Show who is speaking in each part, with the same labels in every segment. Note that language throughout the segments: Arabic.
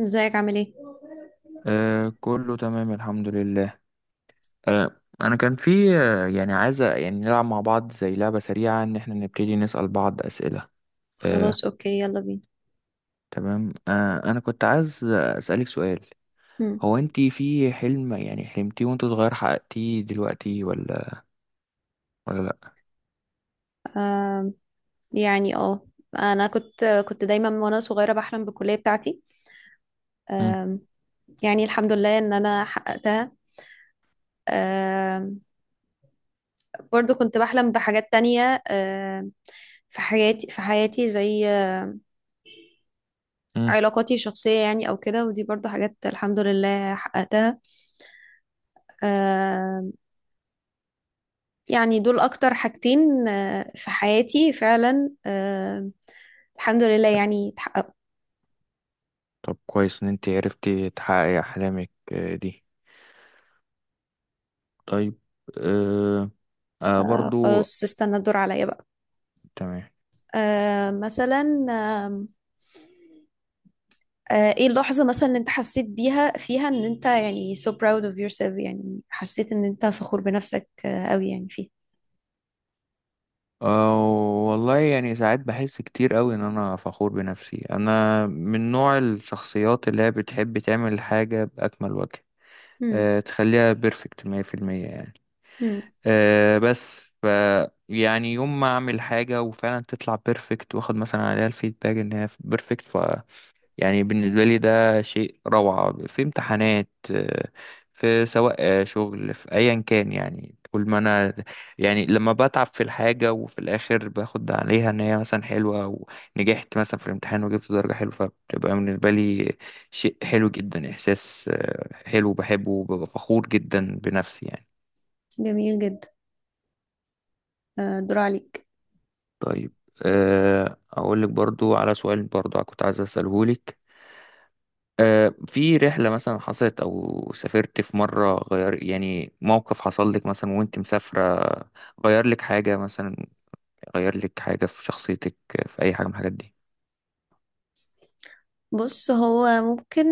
Speaker 1: ازيك عامل ايه؟
Speaker 2: آه، كله تمام الحمد لله. انا كان في يعني عايزه يعني نلعب مع بعض زي لعبه سريعه ان احنا نبتدي نسال بعض اسئله. آه.
Speaker 1: خلاص، اوكي، يلا بينا.
Speaker 2: تمام. انا كنت عايز اسالك سؤال.
Speaker 1: هم.
Speaker 2: هو انت في حلم يعني حلمتيه وانت صغير حققتيه دلوقتي ولا ولا لا؟
Speaker 1: آم، يعني انا كنت دايما وانا صغيره بحلم بالكليه بتاعتي.
Speaker 2: مم.
Speaker 1: آم، يعني الحمد لله ان انا حققتها. آم، برضو كنت بحلم بحاجات تانية. في حياتي زي
Speaker 2: مم.
Speaker 1: علاقاتي الشخصيه يعني او كده، ودي برضو حاجات الحمد لله حققتها. آم، يعني دول اكتر حاجتين في حياتي فعلا. الحمد لله يعني اتحققوا.
Speaker 2: طب، كويس ان انت عرفتي تحققي احلامك دي. طيب. آه. برضو.
Speaker 1: خلاص، استنى الدور عليا بقى.
Speaker 2: تمام.
Speaker 1: مثلا، آم، ايه اللحظة مثلا اللي انت حسيت بيها فيها ان انت يعني so proud of yourself، يعني حسيت ان انت فخور بنفسك قوي؟ يعني فيه؟
Speaker 2: أه والله يعني ساعات بحس كتير قوي ان انا فخور بنفسي. انا من نوع الشخصيات اللي هي بتحب تعمل حاجة بأكمل وجه.
Speaker 1: مم.
Speaker 2: تخليها بيرفكت 100% يعني.
Speaker 1: مم.
Speaker 2: أه بس ف يعني يوم ما اعمل حاجة وفعلا تطلع بيرفكت، واخد مثلا عليها الفيدباك ان هي بيرفكت. يعني بالنسبة لي ده شيء روعة في امتحانات، في سواء شغل، في أيا كان يعني. كل ما أنا يعني لما بتعب في الحاجة وفي الآخر باخد عليها إن هي مثلا حلوة، ونجحت مثلا في الامتحان وجبت درجة حلوة، فبتبقى بالنسبة لي شيء حلو جدا. إحساس حلو بحبه وببقى فخور جدا بنفسي يعني.
Speaker 1: جميل جدا. الدور عليك.
Speaker 2: طيب. أقول لك برضو على سؤال برضو كنت عايز أسأله لك. في رحلة مثلا حصلت أو سافرت في مرة، غير يعني موقف حصل لك مثلا وأنت مسافرة، غير لك حاجة مثلا، غير لك حاجة في شخصيتك، في أي حاجة من الحاجات دي؟
Speaker 1: بص، هو ممكن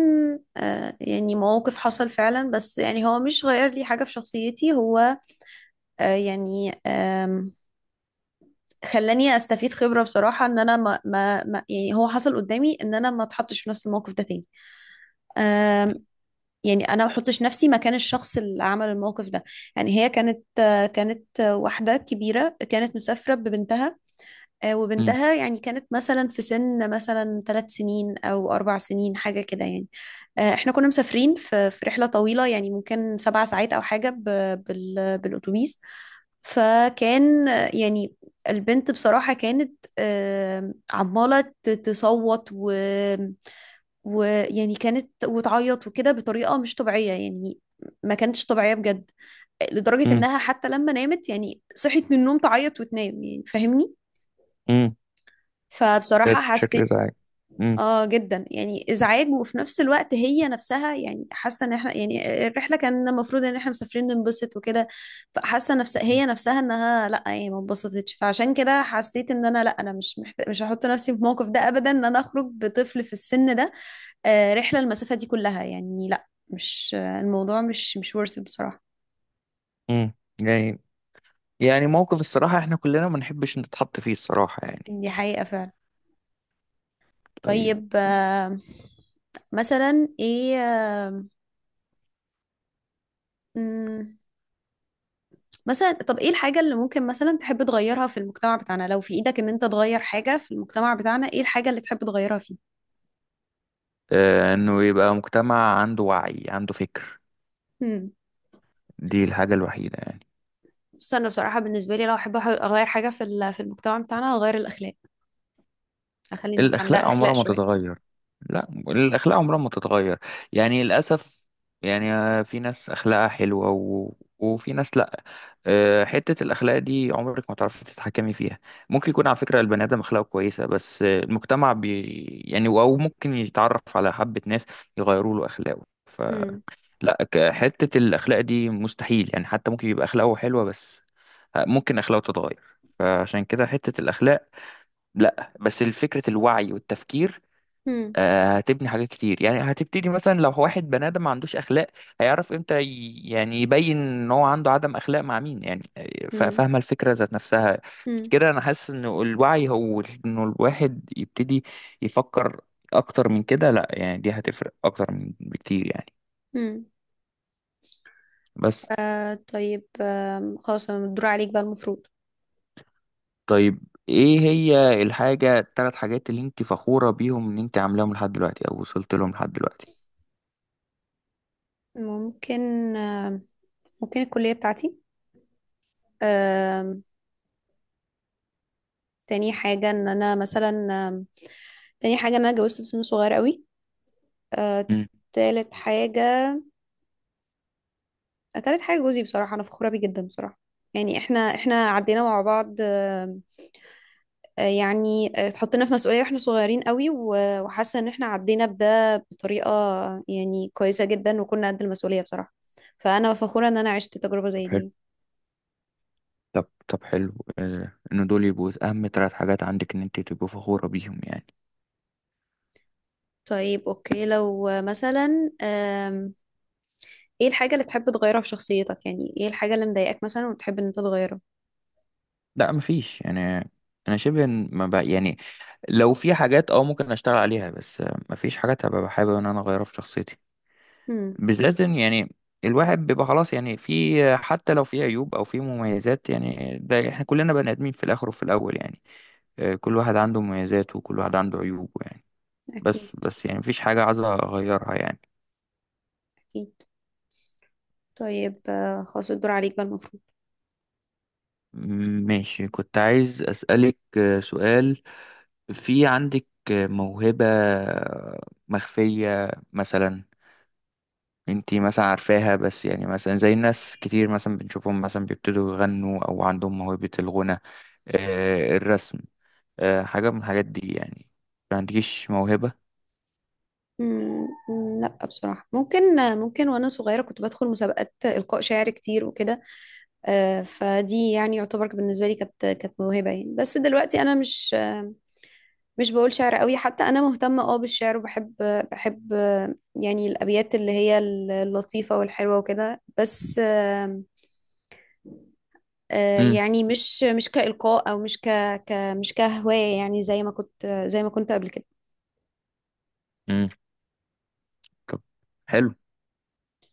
Speaker 1: يعني مواقف حصل فعلا، بس يعني هو مش غير لي حاجة في شخصيتي. هو يعني خلاني استفيد خبرة بصراحة ان انا يعني هو حصل قدامي ان انا ما اتحطش في نفس الموقف ده تاني. يعني انا ما بحطش نفسي مكان الشخص اللي عمل الموقف ده. يعني هي كانت، واحده كبيره، كانت مسافره ببنتها.
Speaker 2: مم.
Speaker 1: وبنتها يعني كانت مثلا في سن مثلا 3 سنين او 4 سنين حاجه كده يعني. احنا كنا مسافرين في رحله طويله، يعني ممكن 7 ساعات او حاجه بالاتوبيس. فكان يعني البنت بصراحه كانت عماله تصوت، ويعني كانت وتعيط وكده بطريقة مش طبيعية يعني. ما كانتش طبيعية بجد، لدرجة
Speaker 2: مم.
Speaker 1: إنها حتى لما نامت يعني صحيت من النوم تعيط وتنام، يعني فاهمني.
Speaker 2: مم.
Speaker 1: فبصراحة
Speaker 2: كانت بشكل
Speaker 1: حسيت
Speaker 2: إزعاج. مم.
Speaker 1: اه جدا، يعني ازعاج. وفي نفس الوقت هي نفسها يعني حاسة ان احنا يعني الرحلة كان المفروض ان احنا مسافرين ننبسط وكده، فحاسة نفسها هي نفسها انها لا، يعني ما انبسطتش. فعشان كده حسيت ان انا، لا، انا مش هحط نفسي في الموقف ده ابدا، ان انا اخرج بطفل في السن ده رحلة المسافة دي كلها. يعني لا، مش الموضوع مش worth it بصراحة.
Speaker 2: مم. يعني يعني موقف الصراحة إحنا كلنا ما نحبش نتحط فيه الصراحة يعني.
Speaker 1: دي حقيقة فعلا.
Speaker 2: طيب.
Speaker 1: طيب، مثلا ايه؟ مم. مثلا، طب ايه الحاجة اللي ممكن مثلا تحب تغيرها في المجتمع بتاعنا؟ لو في ايدك ان انت تغير حاجة في المجتمع بتاعنا، ايه الحاجة اللي تحب تغيرها فيه؟
Speaker 2: إنه يبقى مجتمع عنده وعي، عنده فكر.
Speaker 1: مم.
Speaker 2: دي الحاجة الوحيدة يعني.
Speaker 1: بص، انا بصراحة بالنسبة لي لو احب اغير حاجة في في المجتمع بتاعنا، هغير الاخلاق. اخلي الناس عندها
Speaker 2: الأخلاق
Speaker 1: اخلاق
Speaker 2: عمرها ما
Speaker 1: شوية.
Speaker 2: تتغير. لا، الأخلاق عمرها ما تتغير، يعني للأسف. يعني في ناس أخلاقها حلوة، و... وفي ناس لا. حتة الأخلاق دي عمرك ما تعرفي تتحكمي فيها. ممكن يكون على فكرة البني آدم أخلاقه كويسة، بس المجتمع يعني أو ممكن يتعرف على حبة ناس يغيروا له أخلاقه،
Speaker 1: مم.
Speaker 2: فلا. حتة الأخلاق دي مستحيل يعني. حتى ممكن يبقى أخلاقه حلوة بس ممكن أخلاقه تتغير. فعشان كده حتة الأخلاق لا، بس فكرة الوعي والتفكير
Speaker 1: مم.
Speaker 2: هتبني حاجات كتير يعني. هتبتدي مثلا لو واحد بني آدم ما عندوش أخلاق، هيعرف امتى يعني يبين ان هو عنده عدم أخلاق مع مين، يعني،
Speaker 1: مم.
Speaker 2: فاهمة الفكرة ذات نفسها.
Speaker 1: مم.
Speaker 2: كده أنا حاسس إن الوعي هو إنه الواحد يبتدي يفكر أكتر من كده. لا يعني دي هتفرق أكتر من بكتير يعني.
Speaker 1: مم.
Speaker 2: بس.
Speaker 1: طيب، خلاص، انا الدور عليك بقى المفروض.
Speaker 2: طيب. إيه هي التلات حاجات اللي أنت فخورة بيهم إن أنت عاملاهم لحد دلوقتي أو وصلت لهم لحد دلوقتي؟
Speaker 1: ممكن، آه ممكن الكلية بتاعتي. آه تاني حاجة ان انا مثلا، تاني حاجة ان انا اتجوزت في سن صغير قوي. آه
Speaker 2: مم.
Speaker 1: تالت حاجة، تالت حاجة جوزي بصراحة، انا فخورة بيه جدا بصراحة. يعني احنا، عدينا مع بعض. يعني اتحطينا في مسؤولية واحنا صغيرين قوي، وحاسة ان احنا عدينا بده بطريقة يعني كويسة جدا، وكنا قد المسؤولية بصراحة. فانا فخورة ان انا عشت تجربة زي دي.
Speaker 2: طب، حلو. ان دول يبقوا اهم ثلاث حاجات عندك ان انت تبقوا فخورة بيهم يعني.
Speaker 1: طيب، اوكي، لو مثلا ايه الحاجة اللي تحب تغيرها في شخصيتك؟ يعني ايه الحاجة اللي مضايقاك مثلا وتحب ان انت تغيرها؟
Speaker 2: لا، مفيش يعني. انا شبه، إن ما بقى يعني. لو في حاجات ممكن اشتغل عليها، بس مفيش حاجات هبقى حابب ان انا اغيرها في شخصيتي.
Speaker 1: امم.
Speaker 2: بالذات إن يعني الواحد بيبقى خلاص يعني. في حتى لو في عيوب او في مميزات، يعني ده احنا كلنا بني ادمين في الاخر وفي الاول يعني. كل واحد عنده مميزاته وكل واحد عنده عيوبه يعني.
Speaker 1: اكيد.
Speaker 2: بس يعني مفيش حاجة عايز اغيرها يعني.
Speaker 1: اكيد. طيب، خلاص الدور عليك بقى المفروض.
Speaker 2: ماشي، كنت عايز أسألك سؤال. في عندك موهبة مخفية مثلا؟ انتي مثلا عارفاها، بس يعني مثلا زي الناس كتير مثلا بنشوفهم مثلا بيبتدوا يغنوا أو عندهم موهبة الغنى، الرسم، حاجة من الحاجات دي يعني؟ ما عندكيش موهبة؟
Speaker 1: امم. لا، بصراحة ممكن، وانا صغيرة كنت بدخل مسابقات إلقاء شعر كتير وكده. فدي يعني يعتبر بالنسبة لي كانت، موهبة يعني. بس دلوقتي أنا مش مش بقول شعر قوي. حتى أنا مهتمة بالشعر، وبحب يعني الأبيات اللي هي اللطيفة والحلوة وكده. بس
Speaker 2: امم
Speaker 1: يعني مش كإلقاء، أو مش ك، ك، مش كهواية، يعني زي ما كنت، قبل كده.
Speaker 2: امم طب، حلو.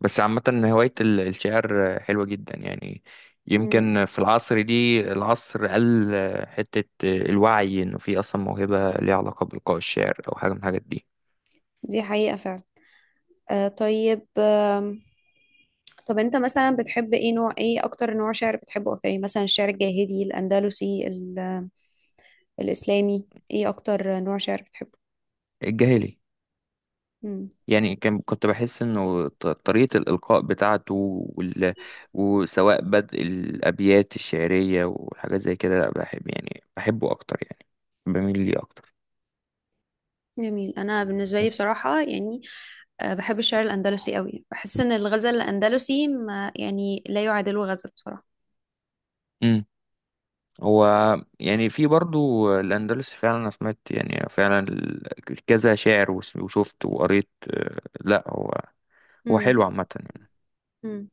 Speaker 2: بس عامة، هواية الشعر حلوة جدا يعني.
Speaker 1: مم.
Speaker 2: يمكن في العصر دي العصر قل حتة الوعي إنه في أصلا موهبة ليها علاقة بإلقاء الشعر أو حاجة من الحاجات دي.
Speaker 1: دي حقيقة فعلا. طيب، طب انت مثلا بتحب ايه؟ نوع ايه؟ اكتر نوع شعر بتحبه اكتر يعني؟ مثلا الشعر الجاهلي، الاندلسي، الإسلامي، ايه أكتر نوع شعر بتحبه؟
Speaker 2: الجاهلي.
Speaker 1: مم.
Speaker 2: يعني كنت بحس إنه طريقة الإلقاء بتاعته وال... وسواء بدء الأبيات الشعرية وحاجات زي كده، لا بحب يعني، بحبه أكتر يعني، بميل ليه أكتر.
Speaker 1: جميل. أنا بالنسبة لي بصراحة يعني بحب الشعر الأندلسي قوي. بحس إن الغزل الأندلسي ما، يعني لا يعادله غزل بصراحة.
Speaker 2: هو يعني في برضو الأندلس فعلا، أنا سمعت يعني فعلا كذا شاعر وشفت وقريت، لا هو، هو
Speaker 1: مم.
Speaker 2: حلو عامة يعني.
Speaker 1: مم.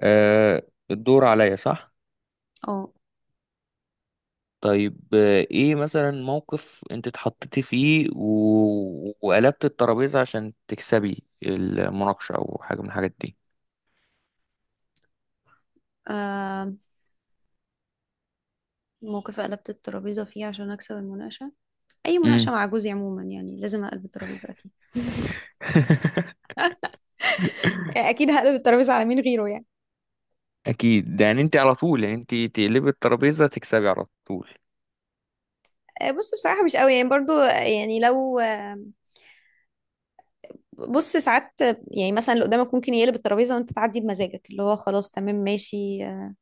Speaker 2: آه، الدور عليا، صح؟
Speaker 1: اه.
Speaker 2: طيب. ايه مثلا موقف انت اتحطيتي فيه و... وقلبت الترابيزة عشان تكسبي المناقشة أو حاجة من الحاجات دي؟
Speaker 1: آه، موقف قلبت الترابيزة فيه عشان أكسب المناقشة؟ أي
Speaker 2: مم.
Speaker 1: مناقشة مع جوزي عموما يعني لازم أقلب الترابيزة أكيد. اكيد هقلب الترابيزه على مين غيره يعني.
Speaker 2: أكيد، ده يعني انت على طول يعني، انت تقلبي الترابيزة تكسبي على طول.
Speaker 1: بص، بصراحه مش قوي يعني. برضو يعني لو بص، ساعات يعني مثلا اللي قدامك ممكن يقلب الترابيزه وانت تعدي بمزاجك، اللي هو خلاص تمام ماشي،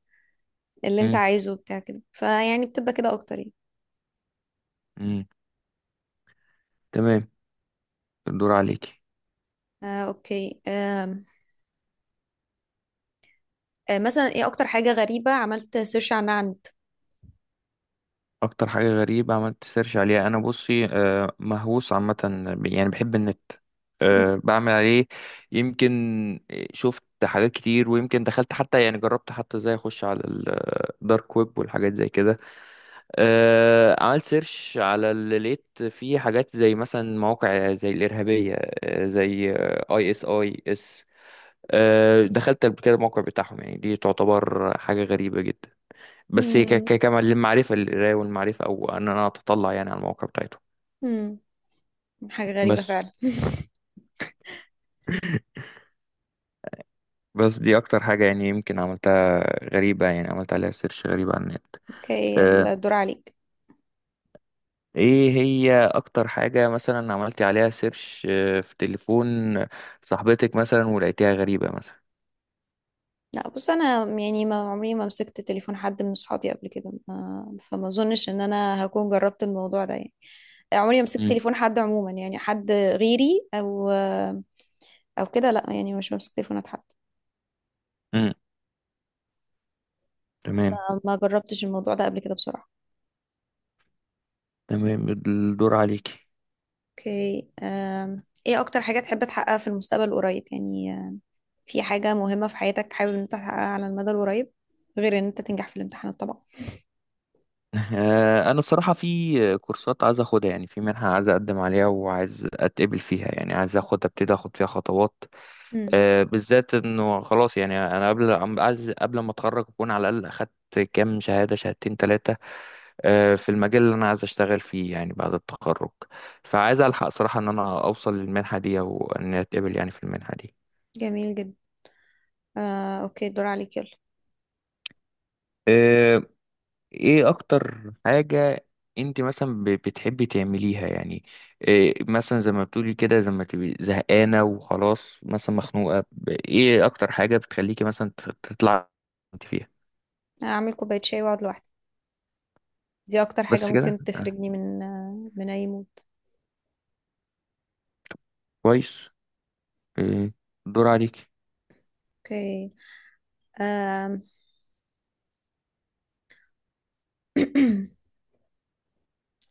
Speaker 1: اللي انت
Speaker 2: مم.
Speaker 1: عايزه وبتاع كده. فيعني بتبقى كده اكتر يعني.
Speaker 2: مم. تمام. الدور عليكي.
Speaker 1: اوكي. مثلا، ايه اكتر حاجة غريبة عملت سيرش عنها على النت؟
Speaker 2: اكتر حاجه غريبه عملت سيرش عليها، انا بصي مهووس عامه، يعني بحب النت،
Speaker 1: مم.
Speaker 2: بعمل عليه. يمكن شفت حاجات كتير، ويمكن دخلت حتى، يعني جربت حتى ازاي اخش على الدارك ويب والحاجات زي كده. عملت سيرش على اللي لقيت فيه حاجات زي مثلا مواقع زي الارهابيه، زي ISIS. دخلت قبل كده الموقع بتاعهم يعني. دي تعتبر حاجه غريبه جدا، بس هي
Speaker 1: مم.
Speaker 2: كمان للمعرفة، للقراية والمعرفة، أو إن أنا أتطلع يعني على المواقع بتاعته.
Speaker 1: مم. حاجة غريبة
Speaker 2: بس.
Speaker 1: فعلا.
Speaker 2: بس دي أكتر حاجة يعني يمكن عملتها غريبة، يعني عملت عليها سيرش غريبة على النت.
Speaker 1: اوكي،
Speaker 2: آه،
Speaker 1: الدور عليك.
Speaker 2: إيه هي أكتر حاجة مثلا عملتي عليها سيرش في تليفون صاحبتك مثلا، ولقيتيها غريبة مثلا؟
Speaker 1: لا، بص انا يعني ما عمري ما مسكت تليفون حد من صحابي قبل كده، ما فما اظنش ان انا هكون جربت الموضوع ده يعني. عمري ما مسكت
Speaker 2: مم.
Speaker 1: تليفون حد عموما، يعني حد غيري او كده، لا، يعني مش بمسك تليفونات حد.
Speaker 2: مم. تمام.
Speaker 1: فما جربتش الموضوع ده قبل كده بصراحة.
Speaker 2: تمام، الدور عليكي.
Speaker 1: اوكي. ايه اكتر حاجة تحب تحققها في المستقبل القريب؟ يعني في حاجة مهمة في حياتك حابب ان انت تحققها على المدى القريب غير ان انت تنجح في الامتحانات طبعا؟
Speaker 2: انا الصراحه في كورسات عايز اخدها، يعني في منحه عايز اقدم عليها وعايز اتقبل فيها، يعني عايز اخد ابتدي اخد فيها خطوات.
Speaker 1: امم.
Speaker 2: بالذات انه خلاص يعني انا عايز قبل ما اتخرج اكون على الاقل اخدت كام شهاده، شهادتين، ثلاثه في المجال اللي انا عايز اشتغل فيه، يعني بعد التخرج. فعايز الحق صراحه ان انا اوصل للمنحه دي او ان اتقبل يعني في المنحه دي.
Speaker 1: جميل جدا. اوكي، الدور عليك يلا.
Speaker 2: آه، ايه اكتر حاجه انت مثلا بتحبي تعمليها يعني؟ إيه مثلا زي ما بتقولي كده، زي ما تبقي زهقانه وخلاص مثلا مخنوقه، ايه اكتر حاجه بتخليكي مثلا تطلع انت فيها؟
Speaker 1: اعمل كوباية شاي واقعد لوحدي. دي اكتر حاجة
Speaker 2: بس كده.
Speaker 1: ممكن تخرجني من اي مود.
Speaker 2: كويس. إيه، دور عليك.
Speaker 1: اوكي. أم.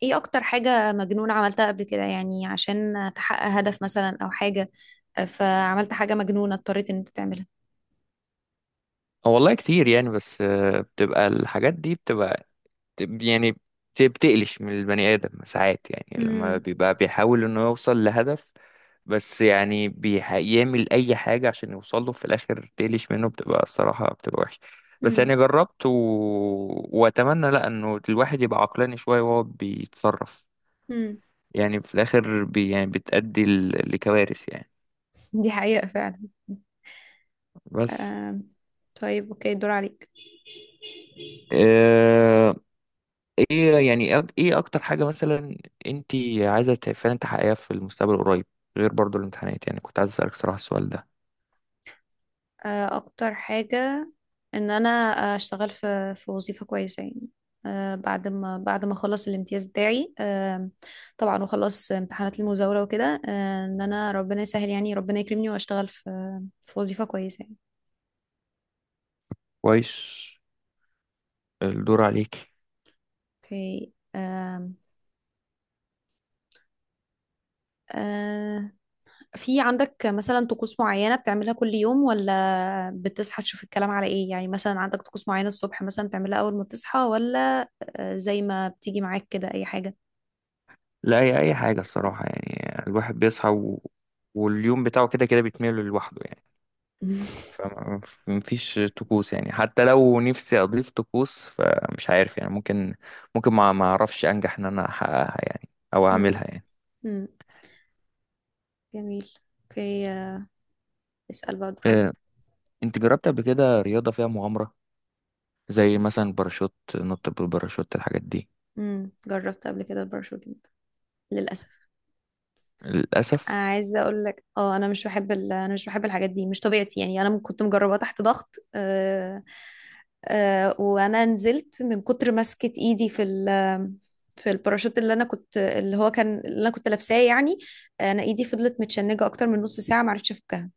Speaker 1: ايه اكتر حاجة مجنون عملتها قبل كده يعني عشان تحقق هدف مثلا او حاجة؟ فعملت حاجة مجنونة اضطريت ان انت تعملها.
Speaker 2: اه والله كتير يعني، بس بتبقى الحاجات دي بتبقى يعني بتقلش من البني آدم ساعات، يعني لما
Speaker 1: امم.
Speaker 2: بيبقى بيحاول انه يوصل لهدف، بس يعني بيعمل اي حاجة عشان يوصل له. في الاخر تقلش منه، بتبقى الصراحة بتبقى وحشة. بس يعني
Speaker 1: امم.
Speaker 2: جربت، واتمنى، لا، انه الواحد يبقى عقلاني شوية وهو بيتصرف. يعني في الاخر يعني بتأدي لكوارث يعني.
Speaker 1: دي حقيقة فعلا.
Speaker 2: بس.
Speaker 1: آم، طيب، اوكي، الدور عليك.
Speaker 2: آه، ايه يعني ايه اكتر حاجة مثلا انت عايزة فعلا تحققيها في المستقبل القريب، غير برضو الامتحانات؟ يعني كنت عايز اسألك صراحة السؤال ده.
Speaker 1: اكتر حاجة ان انا اشتغل في وظيفة كويسة يعني. بعد ما، اخلص الامتياز بتاعي، طبعا، واخلص امتحانات المزاولة وكده. ان انا ربنا يسهل، يعني ربنا يكرمني واشتغل في في وظيفة كويسة يعني.
Speaker 2: كويس. الدور عليكي.
Speaker 1: اوكي. آه، في عندك مثلا طقوس معينة بتعملها كل يوم، ولا بتصحى تشوف الكلام على ايه؟ يعني مثلا عندك طقوس معينة الصبح مثلا بتعملها اول ما تصحى، ولا زي ما بتيجي معاك كده اي حاجة؟
Speaker 2: لا، هي اي حاجة الصراحة يعني، الواحد بيصحى، واليوم بتاعه كده كده بيتميل لوحده يعني. فمفيش طقوس يعني. حتى لو نفسي اضيف طقوس فمش عارف يعني، ممكن ما اعرفش انجح ان انا احققها يعني، او
Speaker 1: امم.
Speaker 2: اعملها يعني.
Speaker 1: امم. جميل. اوكي، اسأل بقى، دور عليك.
Speaker 2: آه، انت جربت قبل كده رياضة فيها مغامرة، زي مثلا باراشوت، نط بالباراشوت، الحاجات دي؟
Speaker 1: امم. جربت قبل كده الباراشوتنج، للأسف.
Speaker 2: للأسف.
Speaker 1: عايزه اقول لك، انا مش بحب الحاجات دي، مش طبيعتي يعني. انا كنت مجرباه تحت ضغط. وانا نزلت من كتر ماسكه ايدي في في الباراشوت، اللي انا كنت، اللي هو كان اللي انا كنت لابساه يعني. انا ايدي فضلت متشنجه اكتر من نص ساعه، ما عرفتش افكها.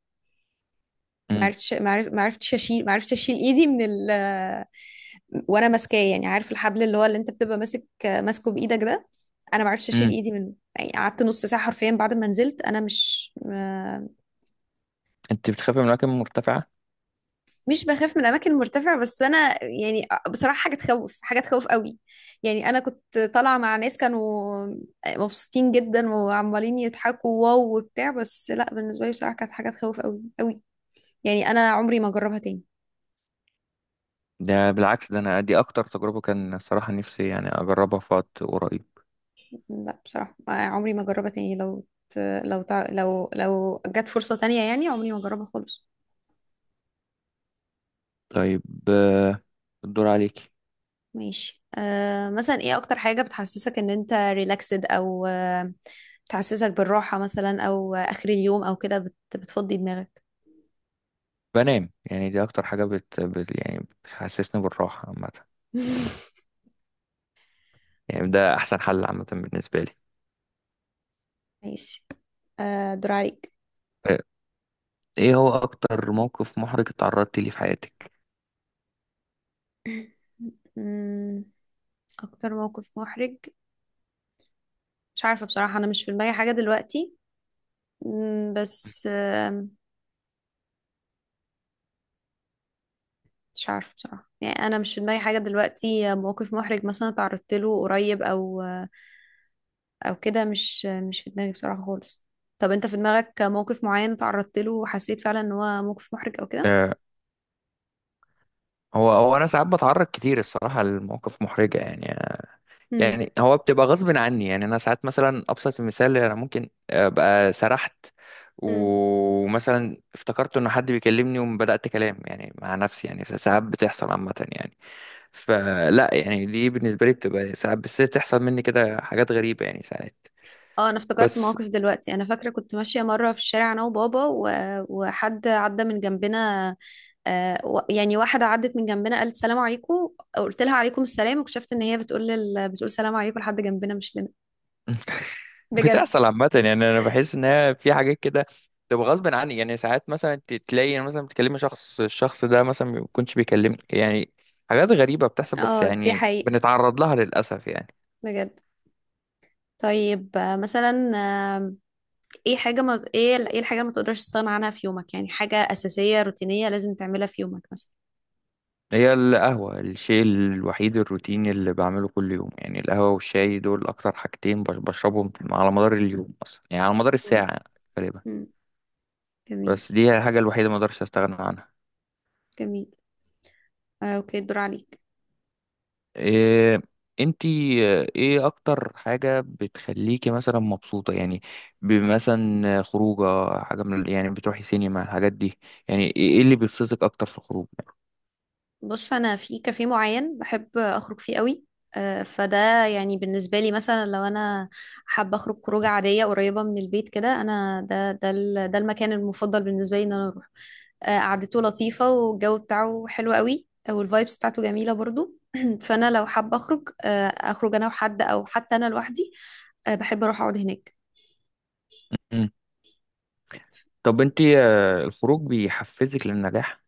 Speaker 1: ما
Speaker 2: مم.
Speaker 1: عرفتش ما عرف- ما عرفتش اشيل ما عرفتش اشيل ايدي من وانا ماسكاه، يعني عارف الحبل اللي هو اللي انت بتبقى ماسك ماسكه بايدك ده. انا ما عرفتش اشيل
Speaker 2: مم.
Speaker 1: ايدي منه يعني، قعدت نص ساعه حرفيا بعد ما نزلت. انا مش
Speaker 2: انت بتخافي من الأماكن المرتفعة؟
Speaker 1: مش بخاف من الاماكن المرتفعه، بس انا يعني بصراحه حاجه تخوف، حاجه تخوف قوي. يعني انا كنت طالعه مع ناس كانوا مبسوطين جدا وعمالين يضحكوا واو وبتاع، بس لا، بالنسبه لي بصراحه كانت حاجه تخوف قوي قوي. يعني انا عمري ما اجربها تاني.
Speaker 2: ده بالعكس، ده أنا دي أكتر تجربة كان الصراحة نفسي يعني أجربها في وقت قريب.
Speaker 1: لا، بصراحه عمري ما اجربها تاني. لو جت فرصه تانية يعني، عمري ما اجربها خالص.
Speaker 2: طيب. آه، الدور عليكي.
Speaker 1: ماشي. مثلا ايه اكتر حاجة بتحسسك ان انت ريلاكسد، او بتحسسك بالراحة مثلا، او اخر اليوم او كده بتفضي دماغك؟
Speaker 2: بنام، يعني دي أكتر حاجة يعني بتحسسني بالراحة عامة. يعني ده أحسن حل عامة بالنسبة لي.
Speaker 1: ماشي. دور عليك.
Speaker 2: آه، إيه هو أكتر موقف محرج اتعرضتي ليه في حياتك؟
Speaker 1: مم. اكتر موقف محرج، مش عارفة بصراحة، انا مش في دماغي حاجة دلوقتي. بس مش عارفة بصراحة. يعني أنا مش في دماغي حاجة دلوقتي موقف محرج مثلا تعرضت له قريب، أو كده، مش، في دماغي بصراحة خالص. طب أنت في دماغك موقف معين تعرضت له وحسيت فعلا إن هو موقف محرج أو كده؟
Speaker 2: آه، هو أنا ساعات بتعرض كتير الصراحة لمواقف محرجة يعني.
Speaker 1: هم
Speaker 2: يعني هو بتبقى غصب عني يعني. انا ساعات مثلا، ابسط المثال، انا ممكن ابقى سرحت
Speaker 1: هم
Speaker 2: ومثلا افتكرت ان حد بيكلمني وبدات كلام يعني مع نفسي، يعني ساعات بتحصل عامه يعني. فلا يعني، دي بالنسبه لي بتبقى ساعات، بس تحصل مني كده حاجات غريبه يعني ساعات.
Speaker 1: اه أنا افتكرت
Speaker 2: بس
Speaker 1: موقف دلوقتي. أنا فاكرة كنت ماشية مرة في الشارع، أنا وبابا وحد عدى من جنبنا. يعني واحدة عدت من جنبنا قالت سلام عليكم. قلت لها عليكم السلام، واكتشفت ان هي بتقول بتقول سلام عليكم لحد جنبنا مش لنا. بجد.
Speaker 2: بتحصل عامة يعني، أنا بحس إن هي في حاجات كده تبقى غصب عني. يعني ساعات مثلا تلاقي أنا مثلا بتكلمي شخص، الشخص ده مثلا ما يكونش بيكلمني يعني. حاجات غريبة بتحصل بس،
Speaker 1: اه، دي
Speaker 2: يعني
Speaker 1: حقيقة،
Speaker 2: بنتعرض لها للأسف يعني.
Speaker 1: بجد. طيب، مثلا، آه، ايه الحاجة اللي ما تقدرش تستغنى عنها في يومك؟ يعني حاجة أساسية روتينية لازم تعملها في يومك مثلا؟
Speaker 2: هي القهوة الشيء الوحيد الروتيني اللي بعمله كل يوم يعني. القهوة والشاي دول أكتر حاجتين بشربهم على مدار اليوم أصلا يعني، على مدار
Speaker 1: مم.
Speaker 2: الساعة غالبا.
Speaker 1: مم.
Speaker 2: بس
Speaker 1: جميل.
Speaker 2: دي هي الحاجة الوحيدة ما أقدرش أستغنى عنها.
Speaker 1: جميل. اوكي، الدور عليك.
Speaker 2: إيه انتي ايه اكتر حاجة بتخليكي مثلا مبسوطة يعني، بمثلا خروجة، حاجة من يعني بتروحي سينما، الحاجات دي، يعني إيه اللي بيبسطك اكتر في الخروج يعني؟
Speaker 1: بص، انا في كافيه معين بحب اخرج فيه قوي. فده يعني بالنسبه لي مثلا، لو انا حابه اخرج خروجه عاديه قريبه من البيت كده، انا ده المكان المفضل بالنسبه لي ان انا اروح. قعدته لطيفه، والجو بتاعه حلو قوي، والفايبس بتاعته جميله برضو. فانا لو حابه اخرج، اخرج انا وحد، او حتى انا لوحدي. بحب اروح اقعد هناك.
Speaker 2: م. طب، انتي الخروج بيحفزك للنجاح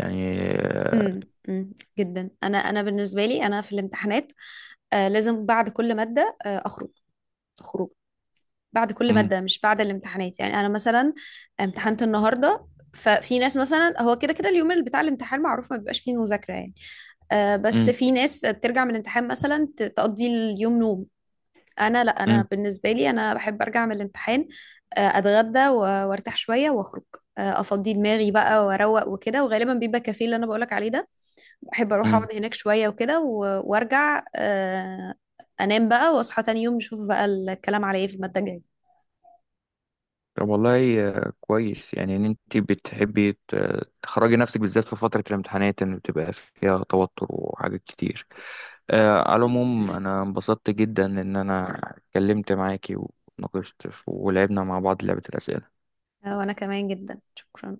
Speaker 2: يعني
Speaker 1: امم. أمم. جدا. انا، بالنسبه لي انا في الامتحانات لازم بعد كل ماده اخرج خروج. بعد كل
Speaker 2: م-
Speaker 1: مادة مش بعد الامتحانات، يعني أنا مثلا امتحنت النهاردة، ففي ناس مثلا هو كده كده اليوم اللي بتاع الامتحان معروف ما بيبقاش فيه مذاكرة يعني. بس
Speaker 2: م-
Speaker 1: في ناس بترجع من الامتحان مثلا تقضي اليوم نوم. أنا لا، أنا
Speaker 2: م-
Speaker 1: بالنسبة لي أنا بحب أرجع من الامتحان، أتغدى، وأرتاح شوية وأخرج. أفضي دماغي بقى وأروق وكده، وغالبا بيبقى كافيه اللي أنا بقولك عليه ده. بحب أروح
Speaker 2: م.
Speaker 1: أقعد هناك شوية وكده، وأرجع، أنام بقى، وأصحى تاني يوم نشوف بقى الكلام على إيه في المادة الجاية.
Speaker 2: طب والله كويس يعني ان انتي بتحبي تخرجي نفسك بالذات في فترة الامتحانات، ان بتبقى فيها توتر وحاجات كتير. على العموم انا انبسطت جدا ان انا اتكلمت معاكي، وناقشت ولعبنا مع بعض لعبة الأسئلة.
Speaker 1: وانا كمان جدا، شكرا.